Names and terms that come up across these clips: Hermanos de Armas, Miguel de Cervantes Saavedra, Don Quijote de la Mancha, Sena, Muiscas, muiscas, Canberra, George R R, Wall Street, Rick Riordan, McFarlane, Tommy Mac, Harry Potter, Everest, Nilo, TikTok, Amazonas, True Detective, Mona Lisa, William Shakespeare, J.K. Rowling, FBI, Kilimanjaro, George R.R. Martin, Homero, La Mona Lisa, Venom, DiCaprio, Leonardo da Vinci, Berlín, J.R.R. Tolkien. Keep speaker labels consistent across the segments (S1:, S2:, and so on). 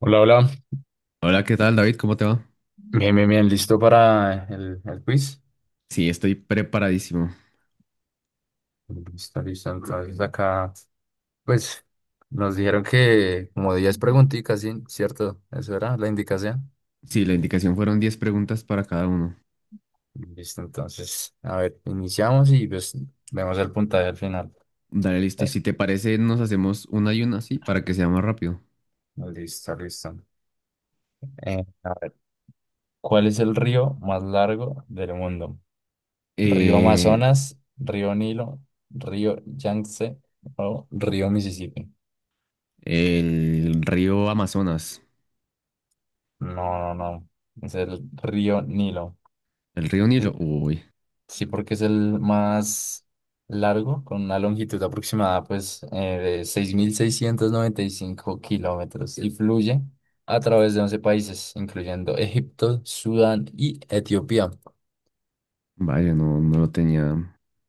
S1: Hola, hola.
S2: Hola, ¿qué tal, David? ¿Cómo te va?
S1: Bien, bien, bien. ¿Listo para el quiz?
S2: Sí, estoy preparadísimo.
S1: Listo, listo. Entonces acá, pues, nos dijeron que como 10 preguntitas, ¿sí? ¿Cierto? Eso era la indicación.
S2: Sí, la indicación fueron 10 preguntas para cada uno.
S1: Listo, entonces, a ver, iniciamos y pues vemos el puntaje al final.
S2: Dale, listo.
S1: Eh,
S2: Si te parece, nos hacemos una y una, sí, para que sea más rápido.
S1: listo, listo. Eh, a ver, ¿Cuál es el río más largo del mundo? ¿Río
S2: Eh,
S1: Amazonas, Río Nilo, Río Yangtze o Río Mississippi?
S2: el río Amazonas.
S1: No, no, no. Es el río Nilo.
S2: ¿El río Nilo?
S1: Eh,
S2: Uy,
S1: Sí, porque es el más largo, con una longitud aproximada pues de 6695 kilómetros y fluye a través de 11 países, incluyendo Egipto, Sudán y Etiopía.
S2: vaya, no,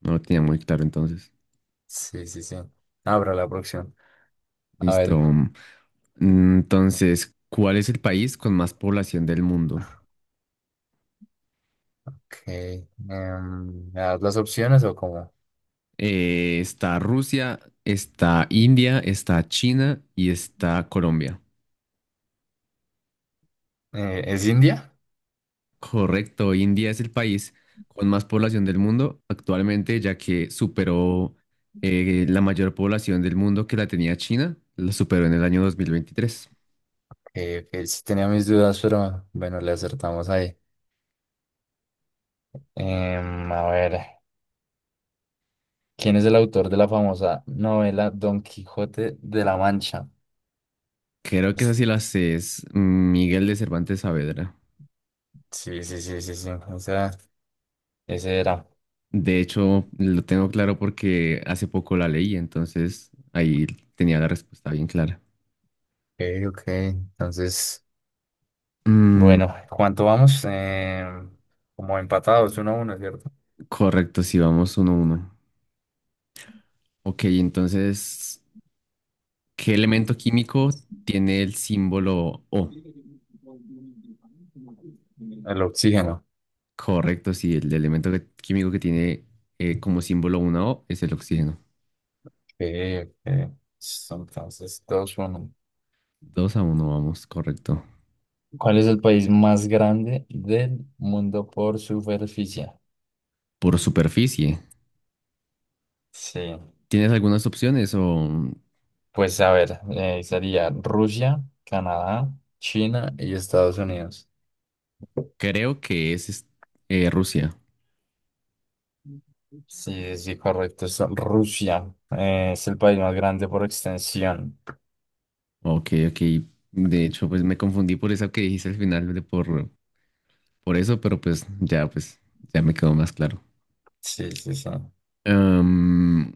S2: no lo tenía muy claro entonces.
S1: Sí, sí, sí. Abra la próxima. A
S2: Listo.
S1: ver,
S2: Entonces, ¿cuál es el país con más población del mundo?
S1: ¿me das las opciones o cómo?
S2: Está Rusia, está India, está China y está Colombia.
S1: ¿Es India?
S2: Correcto, India es el país con más población del mundo actualmente, ya que superó la mayor población del mundo que la tenía China, la superó en el año 2023.
S1: Que sí tenía mis dudas, pero bueno, le acertamos ahí. A ver. ¿Quién es el autor de la famosa novela Don Quijote de la Mancha?
S2: Creo que esa
S1: Es-
S2: sí la sé, es Miguel de Cervantes Saavedra.
S1: Sí, sí, sí, sí, sí. esa- ese era.
S2: De hecho, lo tengo claro porque hace poco la leí, entonces ahí tenía la respuesta bien clara.
S1: Ok, ok. Entonces,
S2: Mm,
S1: bueno, ¿cuánto vamos? Como empatados, uno a uno, ¿cierto?
S2: correcto, sí, vamos 1-1. Ok, entonces, ¿qué elemento químico tiene el símbolo O?
S1: El oxígeno.
S2: Correcto, sí, el elemento químico que tiene como símbolo una O es el oxígeno.
S1: Ok, ok. Entonces, dos, uno.
S2: 2-1, vamos, correcto.
S1: ¿Cuál es el país más grande del mundo por superficie?
S2: Por superficie.
S1: Sí.
S2: ¿Tienes algunas opciones o
S1: Pues a ver, sería Rusia, Canadá, China y Estados Unidos.
S2: creo que es Rusia?
S1: Sí, sí, correcto. Es Rusia, es el país más grande por extensión.
S2: Ok, ok. De hecho, pues me confundí por eso que dijiste al final de por eso, pero pues ya, ya me quedó más claro.
S1: Sí, sí, sí.
S2: Em,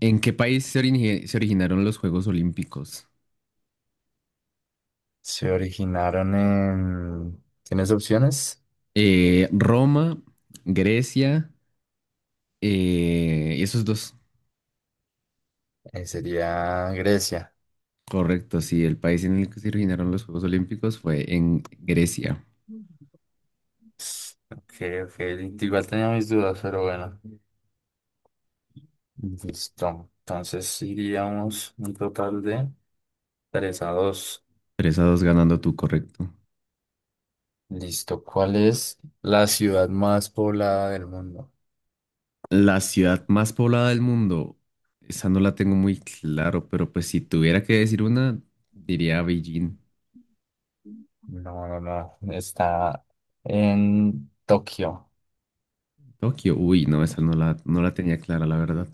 S2: ¿En qué país se, se originaron los Juegos Olímpicos?
S1: Se originaron en... ¿Tienes opciones?
S2: Roma, Grecia, esos dos.
S1: Sería Grecia.
S2: Correcto, sí, el país en el que se originaron los Juegos Olímpicos fue en Grecia.
S1: Ok, ok. Igual tenía mis dudas, pero bueno. Listo. Entonces iríamos un total de 3 a 2.
S2: 3-2 ganando tú, correcto.
S1: Listo. ¿Cuál es la ciudad más poblada del mundo?
S2: La ciudad más poblada del mundo, esa no la tengo muy claro, pero pues si tuviera que decir una, diría Beijing.
S1: No, no, no. Está en Tokio.
S2: Tokio, uy, no, esa no no la tenía clara, la verdad.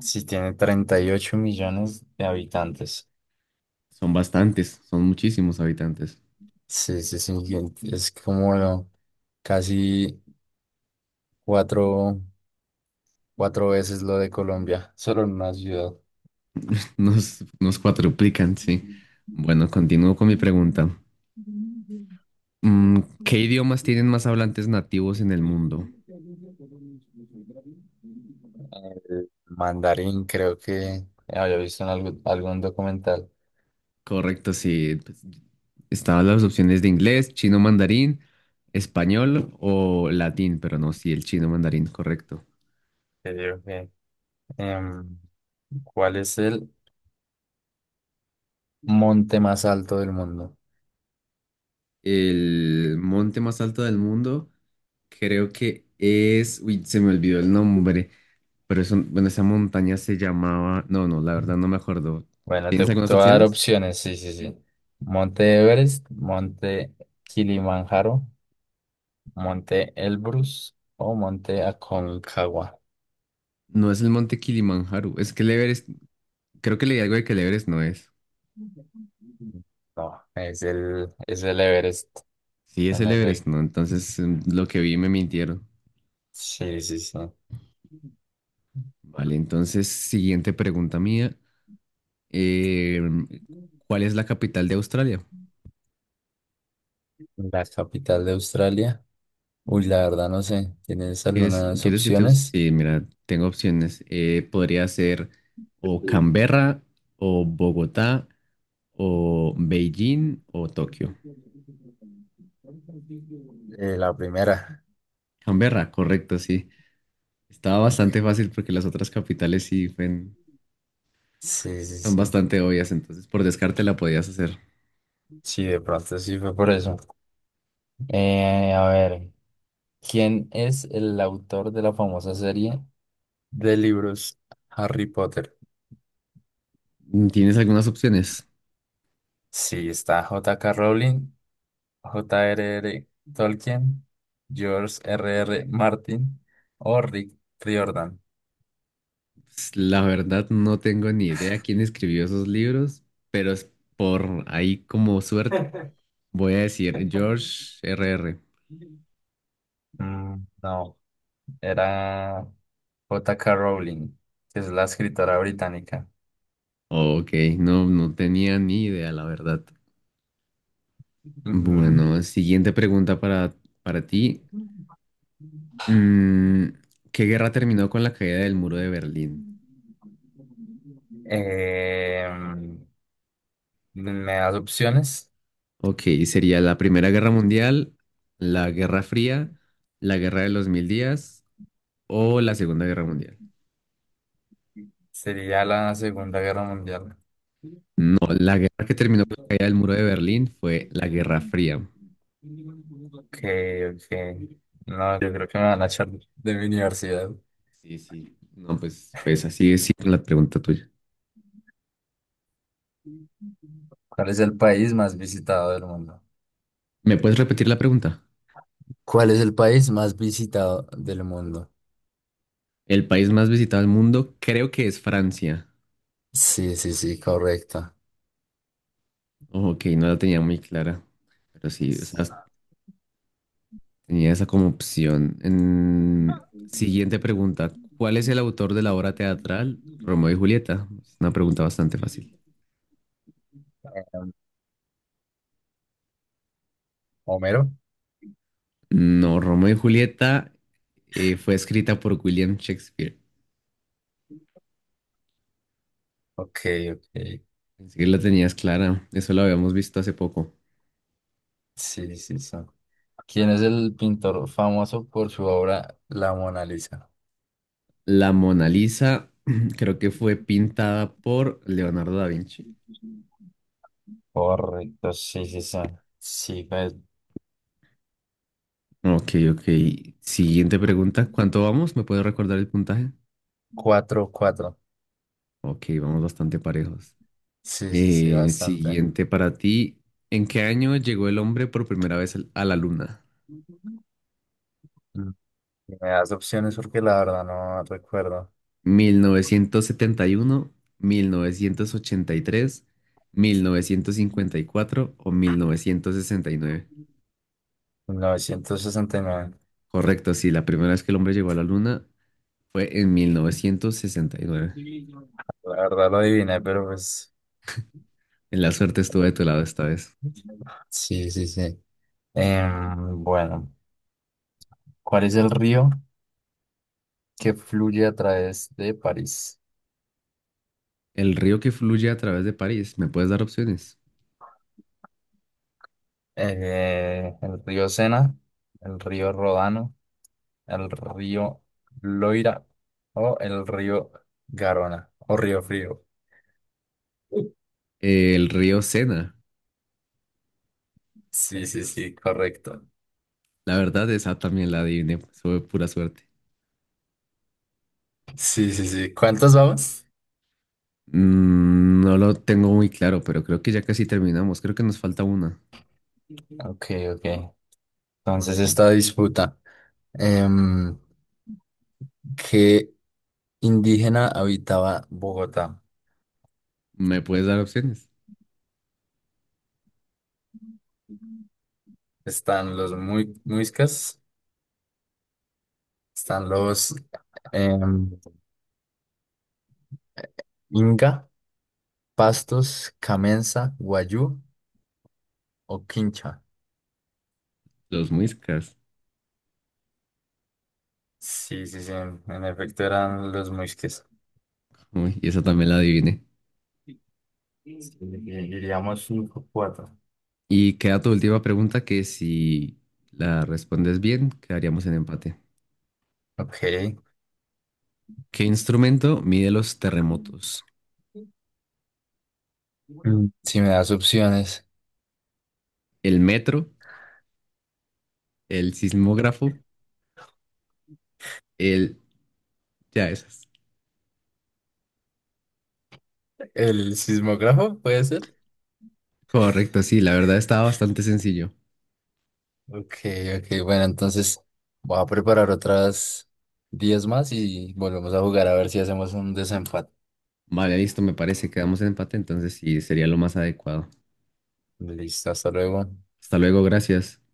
S1: Sí, tiene 38 millones de habitantes.
S2: Son bastantes, son muchísimos habitantes.
S1: Sí, sí, sí. Es como lo- casi cuatro, cuatro veces lo de Colombia, solo en una ciudad.
S2: Nos cuadruplican, sí. Bueno, continúo con mi pregunta. ¿Qué idiomas tienen más hablantes nativos en el mundo?
S1: El mandarín, creo que había visto en algún documental.
S2: Correcto, sí, pues estaban las opciones de inglés, chino mandarín, español o latín, pero no, sí, el chino mandarín, correcto.
S1: Que digo que, Em, ¿cuál es el monte más alto del mundo?
S2: El monte más alto del mundo, creo que es, uy, se me olvidó el nombre, pero eso, bueno, esa montaña se llamaba, no, no, la verdad no me acuerdo.
S1: Bueno, te,
S2: ¿Tienes
S1: te
S2: algunas
S1: voy a dar
S2: opciones?
S1: opciones, sí, sí, sí. Monte Everest, Monte Kilimanjaro, Monte Elbrus o Monte Aconcagua.
S2: No es el monte Kilimanjaro, es que el Everest, creo que leí algo de que el Everest no es.
S1: No, es es el Everest,
S2: Sí, es
S1: en
S2: el Everest,
S1: efecto.
S2: no, entonces lo que vi me mintieron.
S1: Sí, sí, sí.
S2: Vale, entonces, siguiente pregunta mía. Eh, ¿Cuál es la capital de Australia?
S1: La capital de Australia. Uy, la verdad no sé. ¿Tienes algunas
S2: ¿Quieres que te...?
S1: opciones?
S2: Sí, mira, tengo opciones. Podría ser o Canberra, o Bogotá, o Beijing, o Tokio.
S1: La primera.
S2: Canberra, correcto, sí. Estaba
S1: Ok.
S2: bastante fácil porque las otras capitales sí
S1: Sí, sí,
S2: son
S1: sí.
S2: bastante obvias, entonces por descarte la podías hacer.
S1: Sí, de pronto sí fue por eso. A ver, ¿quién es el autor de la famosa serie de libros Harry Potter?
S2: ¿Tienes algunas opciones?
S1: Sí, está J.K. Rowling, J.R.R. Tolkien, George R.R. Martin o Rick Riordan.
S2: Pues, la verdad no tengo ni idea quién escribió esos libros, pero es por ahí como suerte. Voy a decir George R R.
S1: Mm, no, era J.K. Rowling, que es la escritora británica.
S2: Ok, no, no tenía ni idea, la verdad.
S1: Ujú.
S2: Bueno, siguiente pregunta para ti. Mm, ¿Qué guerra terminó con la caída del muro de Berlín?
S1: Eh, me das opciones.
S2: Ok, sería la Primera Guerra Mundial, la Guerra Fría, la Guerra de los Mil Días o la Segunda Guerra Mundial.
S1: Sería la Segunda Guerra Mundial.
S2: No, la guerra que terminó con la caída del muro de Berlín fue la Guerra Fría.
S1: Ok, ok. No, yo creo que me van a echar de mi universidad.
S2: Sí, sí. No, pues así es, sí, con la pregunta tuya.
S1: ¿Cuál es el país más visitado del mundo?
S2: ¿Me puedes repetir la pregunta?
S1: ¿Cuál es el país más visitado del mundo?
S2: El país más visitado del mundo creo que es Francia.
S1: Sí, sí, sí, correcto.
S2: Ojo, ok, no la tenía muy clara, pero sí, o sea, tenía esa como opción. Siguiente pregunta, ¿cuál es el autor de la obra teatral Romeo y Julieta? Es una pregunta bastante fácil.
S1: Um, Homero.
S2: No, Romeo y Julieta fue escrita por William Shakespeare.
S1: Ok, ok.
S2: Así que la tenías clara, eso lo habíamos visto hace poco.
S1: Sí, sí, sí. ¿Quién es el pintor famoso por su obra La Mona Lisa?
S2: La Mona Lisa creo que fue pintada por Leonardo da Vinci.
S1: Correcto, sí, sí, sí. Sí, pues,
S2: Ok, ok. Siguiente pregunta. ¿Cuánto vamos? ¿Me puedes recordar el puntaje?
S1: cuatro, cuatro.
S2: Ok, vamos bastante parejos.
S1: Sí, sí, sí, bastante.
S2: Siguiente para ti. ¿En qué año llegó el hombre por primera vez a la luna?
S1: Mm. Y me das opciones porque la verdad no recuerdo.
S2: Mil novecientos setenta y uno, 1983, 1954 o 1969.
S1: Novecientos sesenta y nueve.
S2: Correcto, sí, la primera vez que el hombre llegó a la luna fue en 1969.
S1: La verdad lo adiviné, pero pues.
S2: En la suerte estuve de tu lado esta vez.
S1: Sí, sí, sí. Em, bueno, ¿cuál es el río que fluye a través de París?
S2: El río que fluye a través de París, ¿me puedes dar opciones?
S1: El río Sena, el río Rodano, el río Loira o el río Garona o Río Frío.
S2: El río Sena.
S1: Sí, sí, sí, correcto.
S2: La verdad, esa también la adiviné. Pues, fue pura suerte.
S1: Sí, sí, sí. ¿Cuántos vamos?
S2: No lo tengo muy claro, pero creo que ya casi terminamos. Creo que nos falta una.
S1: Ok, ok. Entonces esta disputa. em, ¿Qué indígena habitaba Bogotá?
S2: ¿Me puedes dar opciones?
S1: Están los muiscas, están los em, Inca, Pastos, Camenza, Guayú o Quincha.
S2: Los Muiscas.
S1: Sí, sí, sí. En efecto eran los muisques.
S2: Uy, y esa también la adiviné.
S1: Sí, diríamos cinco, cuatro.
S2: Y queda tu última pregunta que si la respondes bien, quedaríamos en empate.
S1: Ok.
S2: ¿Qué instrumento mide los terremotos?
S1: Mm, si me das opciones.
S2: ¿El metro? ¿El sismógrafo? El... Ya esas.
S1: ¿El sismógrafo puede ser?
S2: Correcto, sí, la verdad estaba bastante sencillo.
S1: Ok, ok, bueno, entonces voy a preparar otras 10 más y volvemos a jugar a ver si hacemos un desenfado.
S2: Vale, listo, me parece. Quedamos en empate, entonces sí, sería lo más adecuado.
S1: Listo, hasta luego.
S2: Hasta luego, gracias.